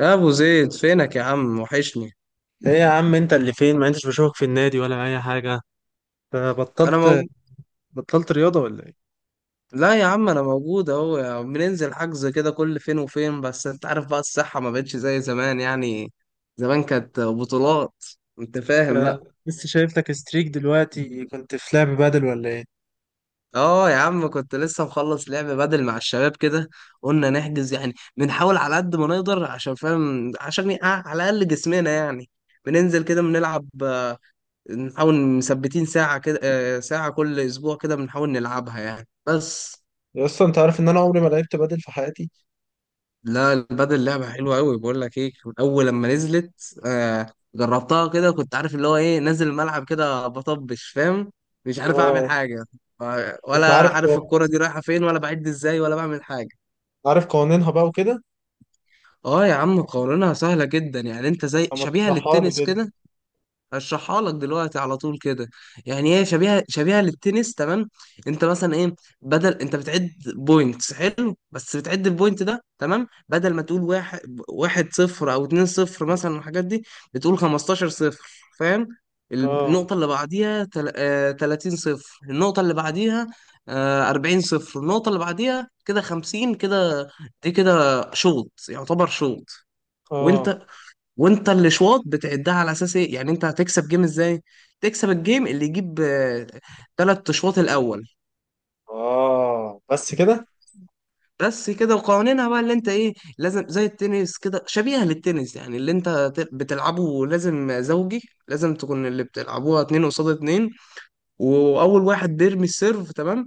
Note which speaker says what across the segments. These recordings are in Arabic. Speaker 1: يا ابو زيد، فينك يا عم؟ وحشني.
Speaker 2: ايه يا عم؟ انت اللي فين؟ ما انتش بشوفك في النادي ولا اي حاجه؟
Speaker 1: انا
Speaker 2: بطلت.
Speaker 1: موجود.
Speaker 2: بطلت رياضه ولا ايه؟
Speaker 1: لا يا عم، انا موجود اهو يا عم. بننزل حجز كده كل فين وفين، بس انت عارف بقى، الصحة ما بقتش زي زمان يعني. زمان كانت بطولات. انت فاهم
Speaker 2: انت
Speaker 1: بقى؟
Speaker 2: لسه شايف لك ستريك دلوقتي، كنت في لعب بدل ولا ايه؟
Speaker 1: اه يا عم، كنت لسه مخلص لعب بدل مع الشباب كده. قلنا نحجز يعني، بنحاول على قد ما نقدر عشان فاهم، عشان على الاقل جسمنا يعني. بننزل كده بنلعب. نحاول مثبتين ساعة كده ساعة كل اسبوع كده بنحاول نلعبها يعني، بس.
Speaker 2: يا اسطى، انت عارف ان انا عمري ما لعبت بدل في حياتي.
Speaker 1: لا، البادل لعبة حلوة أوي، بقول لك إيه، من أول لما نزلت جربتها كده، كنت عارف اللي هو إيه، نازل الملعب كده بطبش فاهم، مش عارف أعمل
Speaker 2: اه.
Speaker 1: حاجة.
Speaker 2: انت
Speaker 1: ولا
Speaker 2: عارف.
Speaker 1: عارف الكرة دي رايحة فين، ولا بعد إزاي، ولا بعمل حاجة.
Speaker 2: عارف قوانينها بقى وكده؟
Speaker 1: أه يا عم، قوانينها سهلة جدا يعني، أنت زي،
Speaker 2: اما
Speaker 1: شبيهة
Speaker 2: تشرحها لي
Speaker 1: للتنس
Speaker 2: كده.
Speaker 1: كده. هشرحها لك دلوقتي على طول كده. يعني هي شبيهه شبيهه للتنس، تمام. انت مثلا ايه، بدل، انت بتعد بوينتس، حلو، بس بتعد البوينت ده، تمام، بدل ما تقول واحد، واحد صفر او اتنين صفر مثلا الحاجات دي، بتقول 15 صفر. فاهم؟
Speaker 2: اه.
Speaker 1: النقطه اللي بعديها 30 صفر، النقطه اللي بعديها 40 صفر، النقطه اللي بعديها كده 50 كده، دي كده شوط يعتبر شوط.
Speaker 2: اه.
Speaker 1: وانت، الاشواط بتعدها على اساس ايه؟ يعني انت هتكسب جيم ازاي؟ تكسب الجيم اللي يجيب ثلاث اشواط الاول.
Speaker 2: اه. بس كده؟
Speaker 1: بس كده. وقوانينها بقى اللي انت ايه، لازم زي التنس كده، شبيهه للتنس يعني، اللي انت بتلعبه لازم زوجي، لازم تكون اللي بتلعبوها اتنين قصاد اتنين. واول واحد بيرمي السيرف، تمام،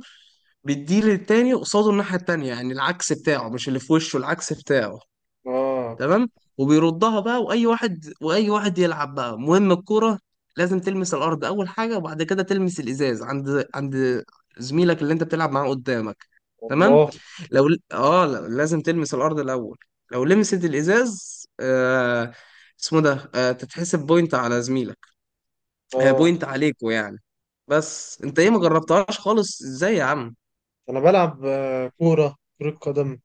Speaker 1: بيديه للتاني قصاده الناحيه التانيه، يعني العكس بتاعه، مش اللي في وشه، العكس بتاعه.
Speaker 2: اه.
Speaker 1: تمام. وبيردها بقى، واي واحد واي واحد يلعب بقى، المهم الكرة لازم تلمس الارض اول حاجة، وبعد كده تلمس الازاز عند زميلك اللي انت بتلعب معاه قدامك. تمام.
Speaker 2: والله.
Speaker 1: لو لا، لازم تلمس الارض الاول. لو لمست الازاز اسمه ده، تتحسب بوينت على زميلك،
Speaker 2: اه.
Speaker 1: بوينت عليكوا يعني. بس انت ايه، ما جربتهاش خالص ازاي يا عم؟
Speaker 2: انا بلعب كره قدم.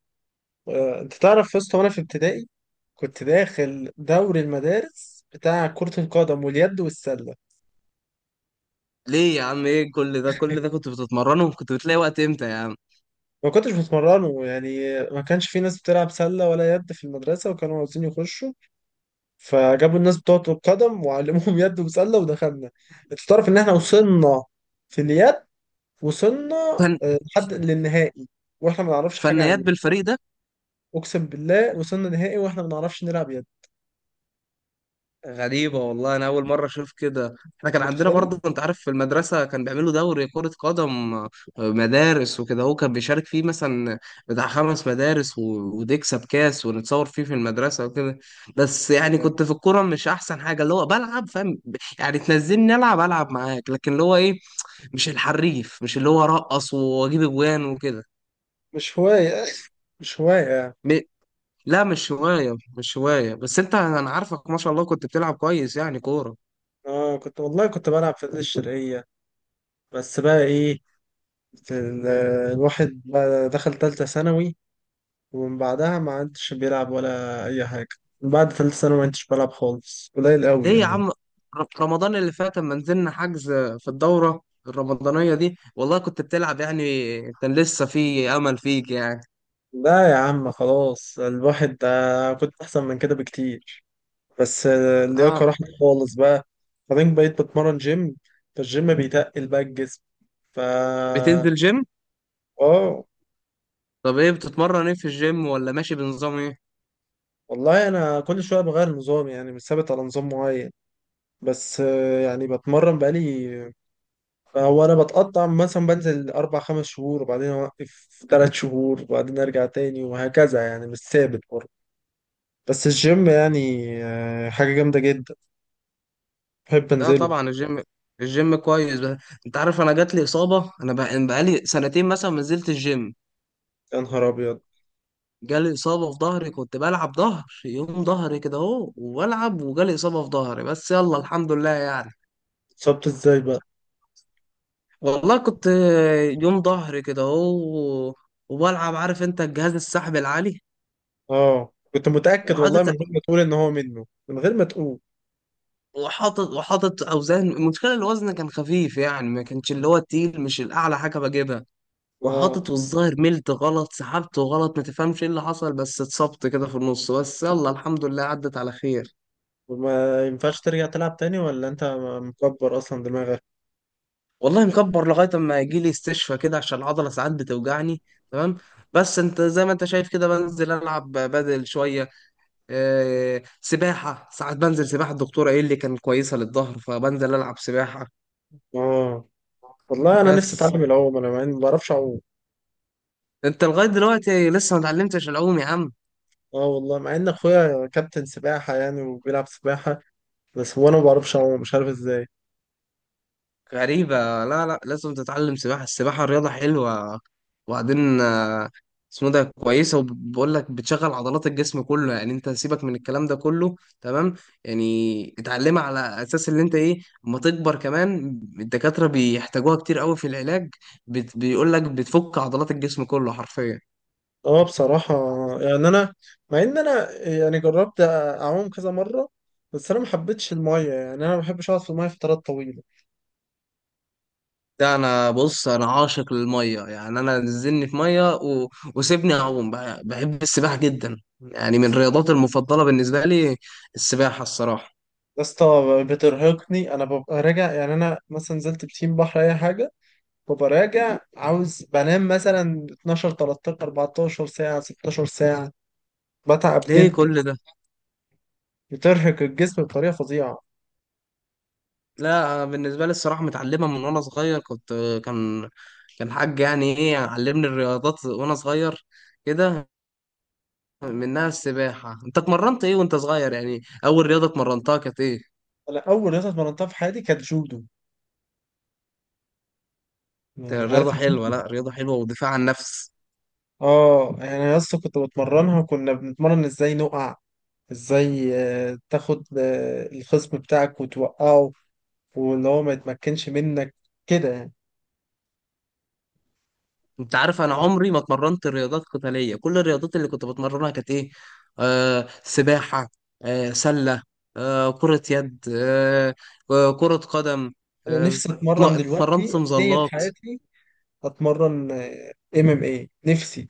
Speaker 2: انت تعرف يا اسطى وانا في ابتدائي كنت داخل دوري المدارس بتاع كرة القدم واليد والسلة.
Speaker 1: ليه يا عم؟ ايه كل ده، كل ده كنت بتتمرنه؟ كنت بتلاقي وقت امتى يا عم؟
Speaker 2: ما كنتش بتمرنه، يعني ما كانش في ناس بتلعب سلة ولا يد في المدرسة وكانوا عاوزين يخشوا. فجابوا الناس بتوع كرة القدم وعلموهم يد وسلة ودخلنا. انت تعرف ان احنا وصلنا في اليد، وصلنا
Speaker 1: فن...
Speaker 2: لحد للنهائي. واحنا ما نعرفش حاجة عن
Speaker 1: فنيات
Speaker 2: اليد.
Speaker 1: بالفريق ده؟
Speaker 2: اقسم بالله وصلنا نهائي واحنا ما نعرفش نلعب يد.
Speaker 1: غريبة
Speaker 2: أنت
Speaker 1: والله، أنا أول مرة أشوف كده. إحنا كان عندنا برضه،
Speaker 2: متخيل؟
Speaker 1: أنت عارف، في المدرسة كان بيعملوا دوري كرة قدم مدارس وكده، هو كان بيشارك فيه مثلا بتاع خمس مدارس وتكسب كاس ونتصور فيه في المدرسة وكده. بس يعني كنت في الكورة مش أحسن حاجة، اللي هو بلعب فاهم، يعني تنزلني ألعب، ألعب معاك، لكن اللي هو إيه، مش الحريف، مش اللي هو أرقص وأجيب أجوان وكده.
Speaker 2: مش هواية. مش هواية يعني.
Speaker 1: م- لا مش هواية، مش هواية، بس أنت، أنا عارفك ما شاء الله كنت بتلعب كويس يعني كورة.
Speaker 2: اه، كنت والله كنت بلعب في النادي الشرقية. بس بقى ايه، ال- الواحد بقى دخل تالتة ثانوي، ومن بعدها ما عدتش بيلعب ولا أي حاجة. من بعد تالتة ثانوي ما عدتش بلعب خالص، قليل قوي
Speaker 1: ليه يا
Speaker 2: يعني.
Speaker 1: عم؟ رمضان اللي فات لما نزلنا حجز في الدورة الرمضانية دي، والله كنت بتلعب يعني، كان لسه في أمل فيك يعني.
Speaker 2: لا يا عم، خلاص الواحد ده كنت أحسن من كده بكتير، بس اللياقة
Speaker 1: اه.
Speaker 2: راحت خالص بقى. بعدين بقيت بتمرن جيم، فالجيم بيتقل بقى الجسم، فا.
Speaker 1: بتنزل جيم؟
Speaker 2: اه.
Speaker 1: طب ايه بتتمرن ايه في الجيم، ولا ماشي بنظام ايه؟
Speaker 2: والله أنا كل شوية بغير نظام، يعني مش ثابت على نظام معين. بس يعني بتمرن بقالي. هو انا بتقطع، مثلا بنزل اربع خمس شهور وبعدين اوقف ثلاث شهور وبعدين ارجع تاني وهكذا، يعني مش ثابت برضه. بس الجيم يعني حاجة جامدة جدا، بحب
Speaker 1: لا
Speaker 2: انزله.
Speaker 1: طبعا، الجيم، الجيم كويس بقى. انت عارف انا جات لي إصابة، بقالي سنتين مثلا ما نزلت الجيم.
Speaker 2: يا نهار ابيض.
Speaker 1: جالي إصابة في ظهري، كنت بلعب ظهر، يوم ظهري كده اهو وبلعب، وجالي إصابة في ظهري، بس يلا الحمد لله يعني.
Speaker 2: اتصبت ازاي بقى؟
Speaker 1: والله كنت، يوم ظهر كده اهو وبلعب، عارف انت الجهاز السحب العالي،
Speaker 2: اه، كنت متأكد والله
Speaker 1: وحاطط،
Speaker 2: من غير ما تقول ان هو منه، من غير ما تقول.
Speaker 1: وحاطط، اوزان. المشكله الوزن كان خفيف يعني، ما كانش اللي هو التقيل، مش الاعلى حاجه بجيبها،
Speaker 2: اه.
Speaker 1: وحاطط، والظاهر ملت غلط، سحبت غلط، ما تفهمش ايه اللي حصل، بس اتصبت كده في النص، بس يلا الحمد لله عدت على خير.
Speaker 2: وما ينفعش ترجع تلعب تاني، ولا انت مكبر اصلا دماغك؟
Speaker 1: والله مكبر لغايه اما يجي لي استشفى كده، عشان العضله ساعات بتوجعني. تمام. بس انت زي ما انت شايف كده، بنزل العب بدل شويه، سباحة، ساعات بنزل سباحة، الدكتورة ايه اللي كان كويسة للظهر، فبنزل ألعب سباحة.
Speaker 2: اه والله انا نفسي
Speaker 1: بس
Speaker 2: اتعلم العوم، انا ما بعرفش اعوم.
Speaker 1: انت لغاية دلوقتي لسه ما اتعلمتش العوم يا عم؟
Speaker 2: اه والله مع ان اخويا كابتن سباحة يعني وبيلعب سباحة، بس هو انا ما بعرفش اعوم، مش عارف ازاي.
Speaker 1: غريبة. لا، لا، لازم تتعلم سباحة، السباحة رياضة حلوة. وبعدين اسمه ده، كويسة، وبقول لك بتشغل عضلات الجسم كله يعني، انت سيبك من الكلام ده كله، تمام. يعني اتعلمها، على اساس اللي انت ايه، اما تكبر كمان، الدكاترة بيحتاجوها كتير قوي في العلاج. بيقول لك بتفك عضلات الجسم كله حرفيا.
Speaker 2: اه بصراحة، يعني انا، مع ان انا يعني جربت اعوم كذا مرة، بس انا ما حبيتش المية، يعني انا ما بحبش اقعد في المية فترات طويلة.
Speaker 1: ده انا، بص انا عاشق للميه يعني، انا نزلني في ميه وسيبني اعوم بقى. بحب السباحه جدا يعني، من الرياضات المفضله بالنسبه لي السباحه الصراحه.
Speaker 2: يا اسطى بترهقني، انا ببقى راجع يعني انا مثلا نزلت بسين بحر اي حاجة ببقى راجع عاوز بنام مثلا 12 13 14 ساعة، 16 ساعة، بتعب
Speaker 1: ليه
Speaker 2: جدا.
Speaker 1: كل ده؟
Speaker 2: بترهق الجسم بطريقة فظيعة.
Speaker 1: لا أنا بالنسبه لي الصراحه متعلمه من وانا صغير، كنت كان كان حاج يعني ايه، علمني الرياضات وانا صغير كده، منها السباحه. انت اتمرنت ايه وانت صغير يعني، اول رياضه اتمرنتها كانت ايه؟
Speaker 2: انا اول رياضة اتمرنتها في حياتي كانت جودو، يعني
Speaker 1: كانت
Speaker 2: عارف.
Speaker 1: رياضه حلوه، لا رياضه حلوه ودفاع عن النفس.
Speaker 2: اه يعني انا اصلا كنت بتمرنها وكنا بنتمرن ازاي نقع، ازاي تاخد الخصم بتاعك وتوقعه، واللي هو ما يتمكنش منك كده يعني.
Speaker 1: انت عارف انا عمري ما اتمرنت رياضات قتاليه، كل الرياضات اللي كنت بتمرنها كانت ايه، سباحه، سله، كره يد، كره قدم،
Speaker 2: انا
Speaker 1: آه
Speaker 2: نفسي اتمرن دلوقتي
Speaker 1: اتمرنت
Speaker 2: نية
Speaker 1: مظلات.
Speaker 2: حياتي، اتمرن ام ام اي نفسي،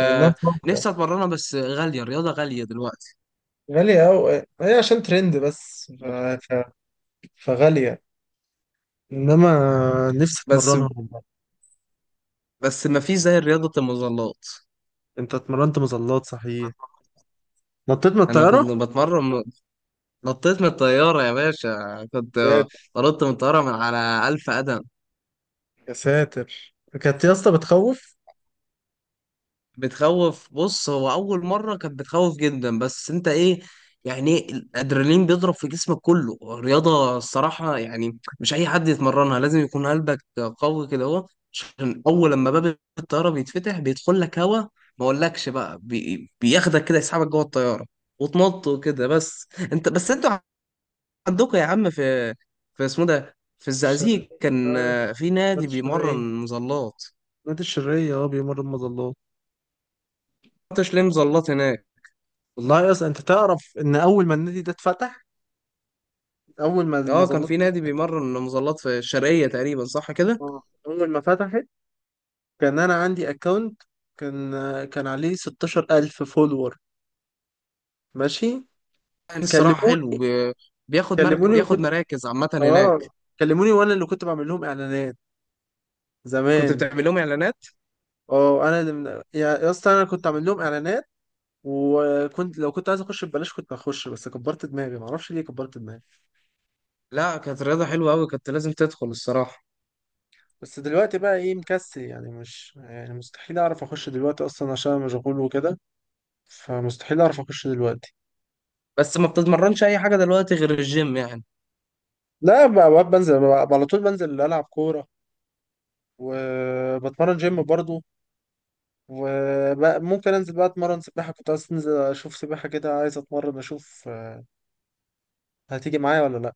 Speaker 2: مع انها صعبة.
Speaker 1: نفسي اتمرنها، بس غاليه، الرياضه غاليه دلوقتي.
Speaker 2: غالية اوي، هي عشان ترند بس، فغالية، انما نفسي
Speaker 1: بس
Speaker 2: اتمرنها والله.
Speaker 1: بس ما فيش زي رياضه المظلات.
Speaker 2: انت اتمرنت مظلات صحيح؟ نطيت من
Speaker 1: انا
Speaker 2: الطيارة؟
Speaker 1: كنت بتمرن، نطيت من الطياره يا باشا، كنت نطيت من الطياره من على 1000 قدم.
Speaker 2: يا ساتر. كانت يا اسطى بتخوف؟ في
Speaker 1: بتخوف، بص، هو اول مره كانت بتخوف جدا، بس انت ايه، يعني إيه، الادرينالين بيضرب في جسمك كله، الرياضه الصراحه يعني مش اي حد يتمرنها، لازم يكون قلبك قوي كده اهو، عشان اول لما باب الطياره بيتفتح بيدخل لك هوا، ما اقولكش بقى، بياخدك كده يسحبك جوه الطياره، وتنط وكده. بس انتوا عندكم يا عم، في اسمه ده في الزقازيق،
Speaker 2: الشرقية،
Speaker 1: كان
Speaker 2: عارف
Speaker 1: في نادي
Speaker 2: نادي
Speaker 1: بيمرن
Speaker 2: الشرقية؟
Speaker 1: مظلات.
Speaker 2: نادي الشرقية اه بيمر المظلات.
Speaker 1: ما رحتش ليه مظلات هناك؟
Speaker 2: والله يا اسطى انت تعرف ان اول ما النادي ده اتفتح، اول ما
Speaker 1: اه، كان
Speaker 2: المظلات،
Speaker 1: في نادي بيمرن مظلات في الشرقية تقريبا، صح كده؟
Speaker 2: اه اول ما فتحت، كان انا عندي اكونت، كان كان عليه 16000 فولور، ماشي؟
Speaker 1: كان الصراحة حلو،
Speaker 2: كلموني كلموني
Speaker 1: بياخد
Speaker 2: وكنت،
Speaker 1: مراكز عامة هناك.
Speaker 2: اه، كلموني وانا اللي كنت بعمل لهم اعلانات
Speaker 1: كنت
Speaker 2: زمان.
Speaker 1: بتعمل لهم اعلانات؟
Speaker 2: اه، انا اللي يا اسطى، انا كنت عامل لهم اعلانات، وكنت لو كنت عايز اخش ببلاش كنت هخش، بس كبرت دماغي، معرفش ليه كبرت دماغي.
Speaker 1: لا، كانت رياضة حلوة قوي، كنت لازم تدخل الصراحة.
Speaker 2: بس دلوقتي بقى ايه، مكسل يعني، مش يعني مستحيل اعرف اخش دلوقتي اصلا عشان أنا مشغول وكده. فمستحيل اعرف اخش دلوقتي.
Speaker 1: بس ما بتتمرنش اي حاجة دلوقتي غير الجيم يعني؟
Speaker 2: لا، بقى بنزل بقى على طول، بنزل العب كوره، وبتمرن جيم برضو. وممكن انزل بقى اتمرن سباحه، كنت عايز انزل اشوف سباحه كده، عايز اتمرن اشوف. هتيجي معايا ولا لا؟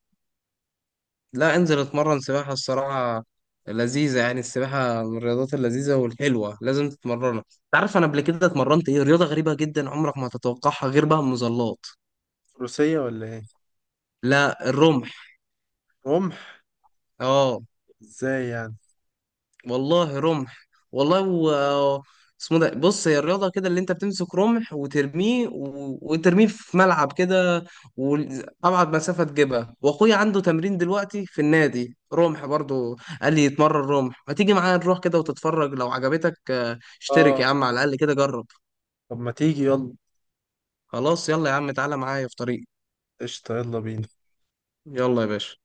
Speaker 1: لا، انزل اتمرن سباحة الصراحة، لذيذة يعني، السباحة من الرياضات اللذيذة والحلوة، لازم تتمرنها. تعرف انا قبل كده اتمرنت ايه رياضة غريبة جدا عمرك ما هتتوقعها، غير بقى المظلات؟
Speaker 2: روسيه ولا ايه؟
Speaker 1: لا، الرمح.
Speaker 2: رمح؟
Speaker 1: اه
Speaker 2: ازاي يعني؟
Speaker 1: والله رمح والله اسمه ده، بص هي الرياضة كده، اللي انت بتمسك رمح وترميه وترميه في ملعب كده، وأبعد مسافة تجيبها. وأخويا عنده تمرين دلوقتي في النادي رمح برضو، قال لي يتمرن رمح، ما تيجي معايا نروح كده وتتفرج، لو عجبتك اشترك يا
Speaker 2: اه
Speaker 1: عم، على الأقل كده جرب.
Speaker 2: طب ما تيجي يلا.
Speaker 1: خلاص، يلا يا عم، تعالى معايا في طريق.
Speaker 2: قشطه يلا بينا.
Speaker 1: يلا يا باشا.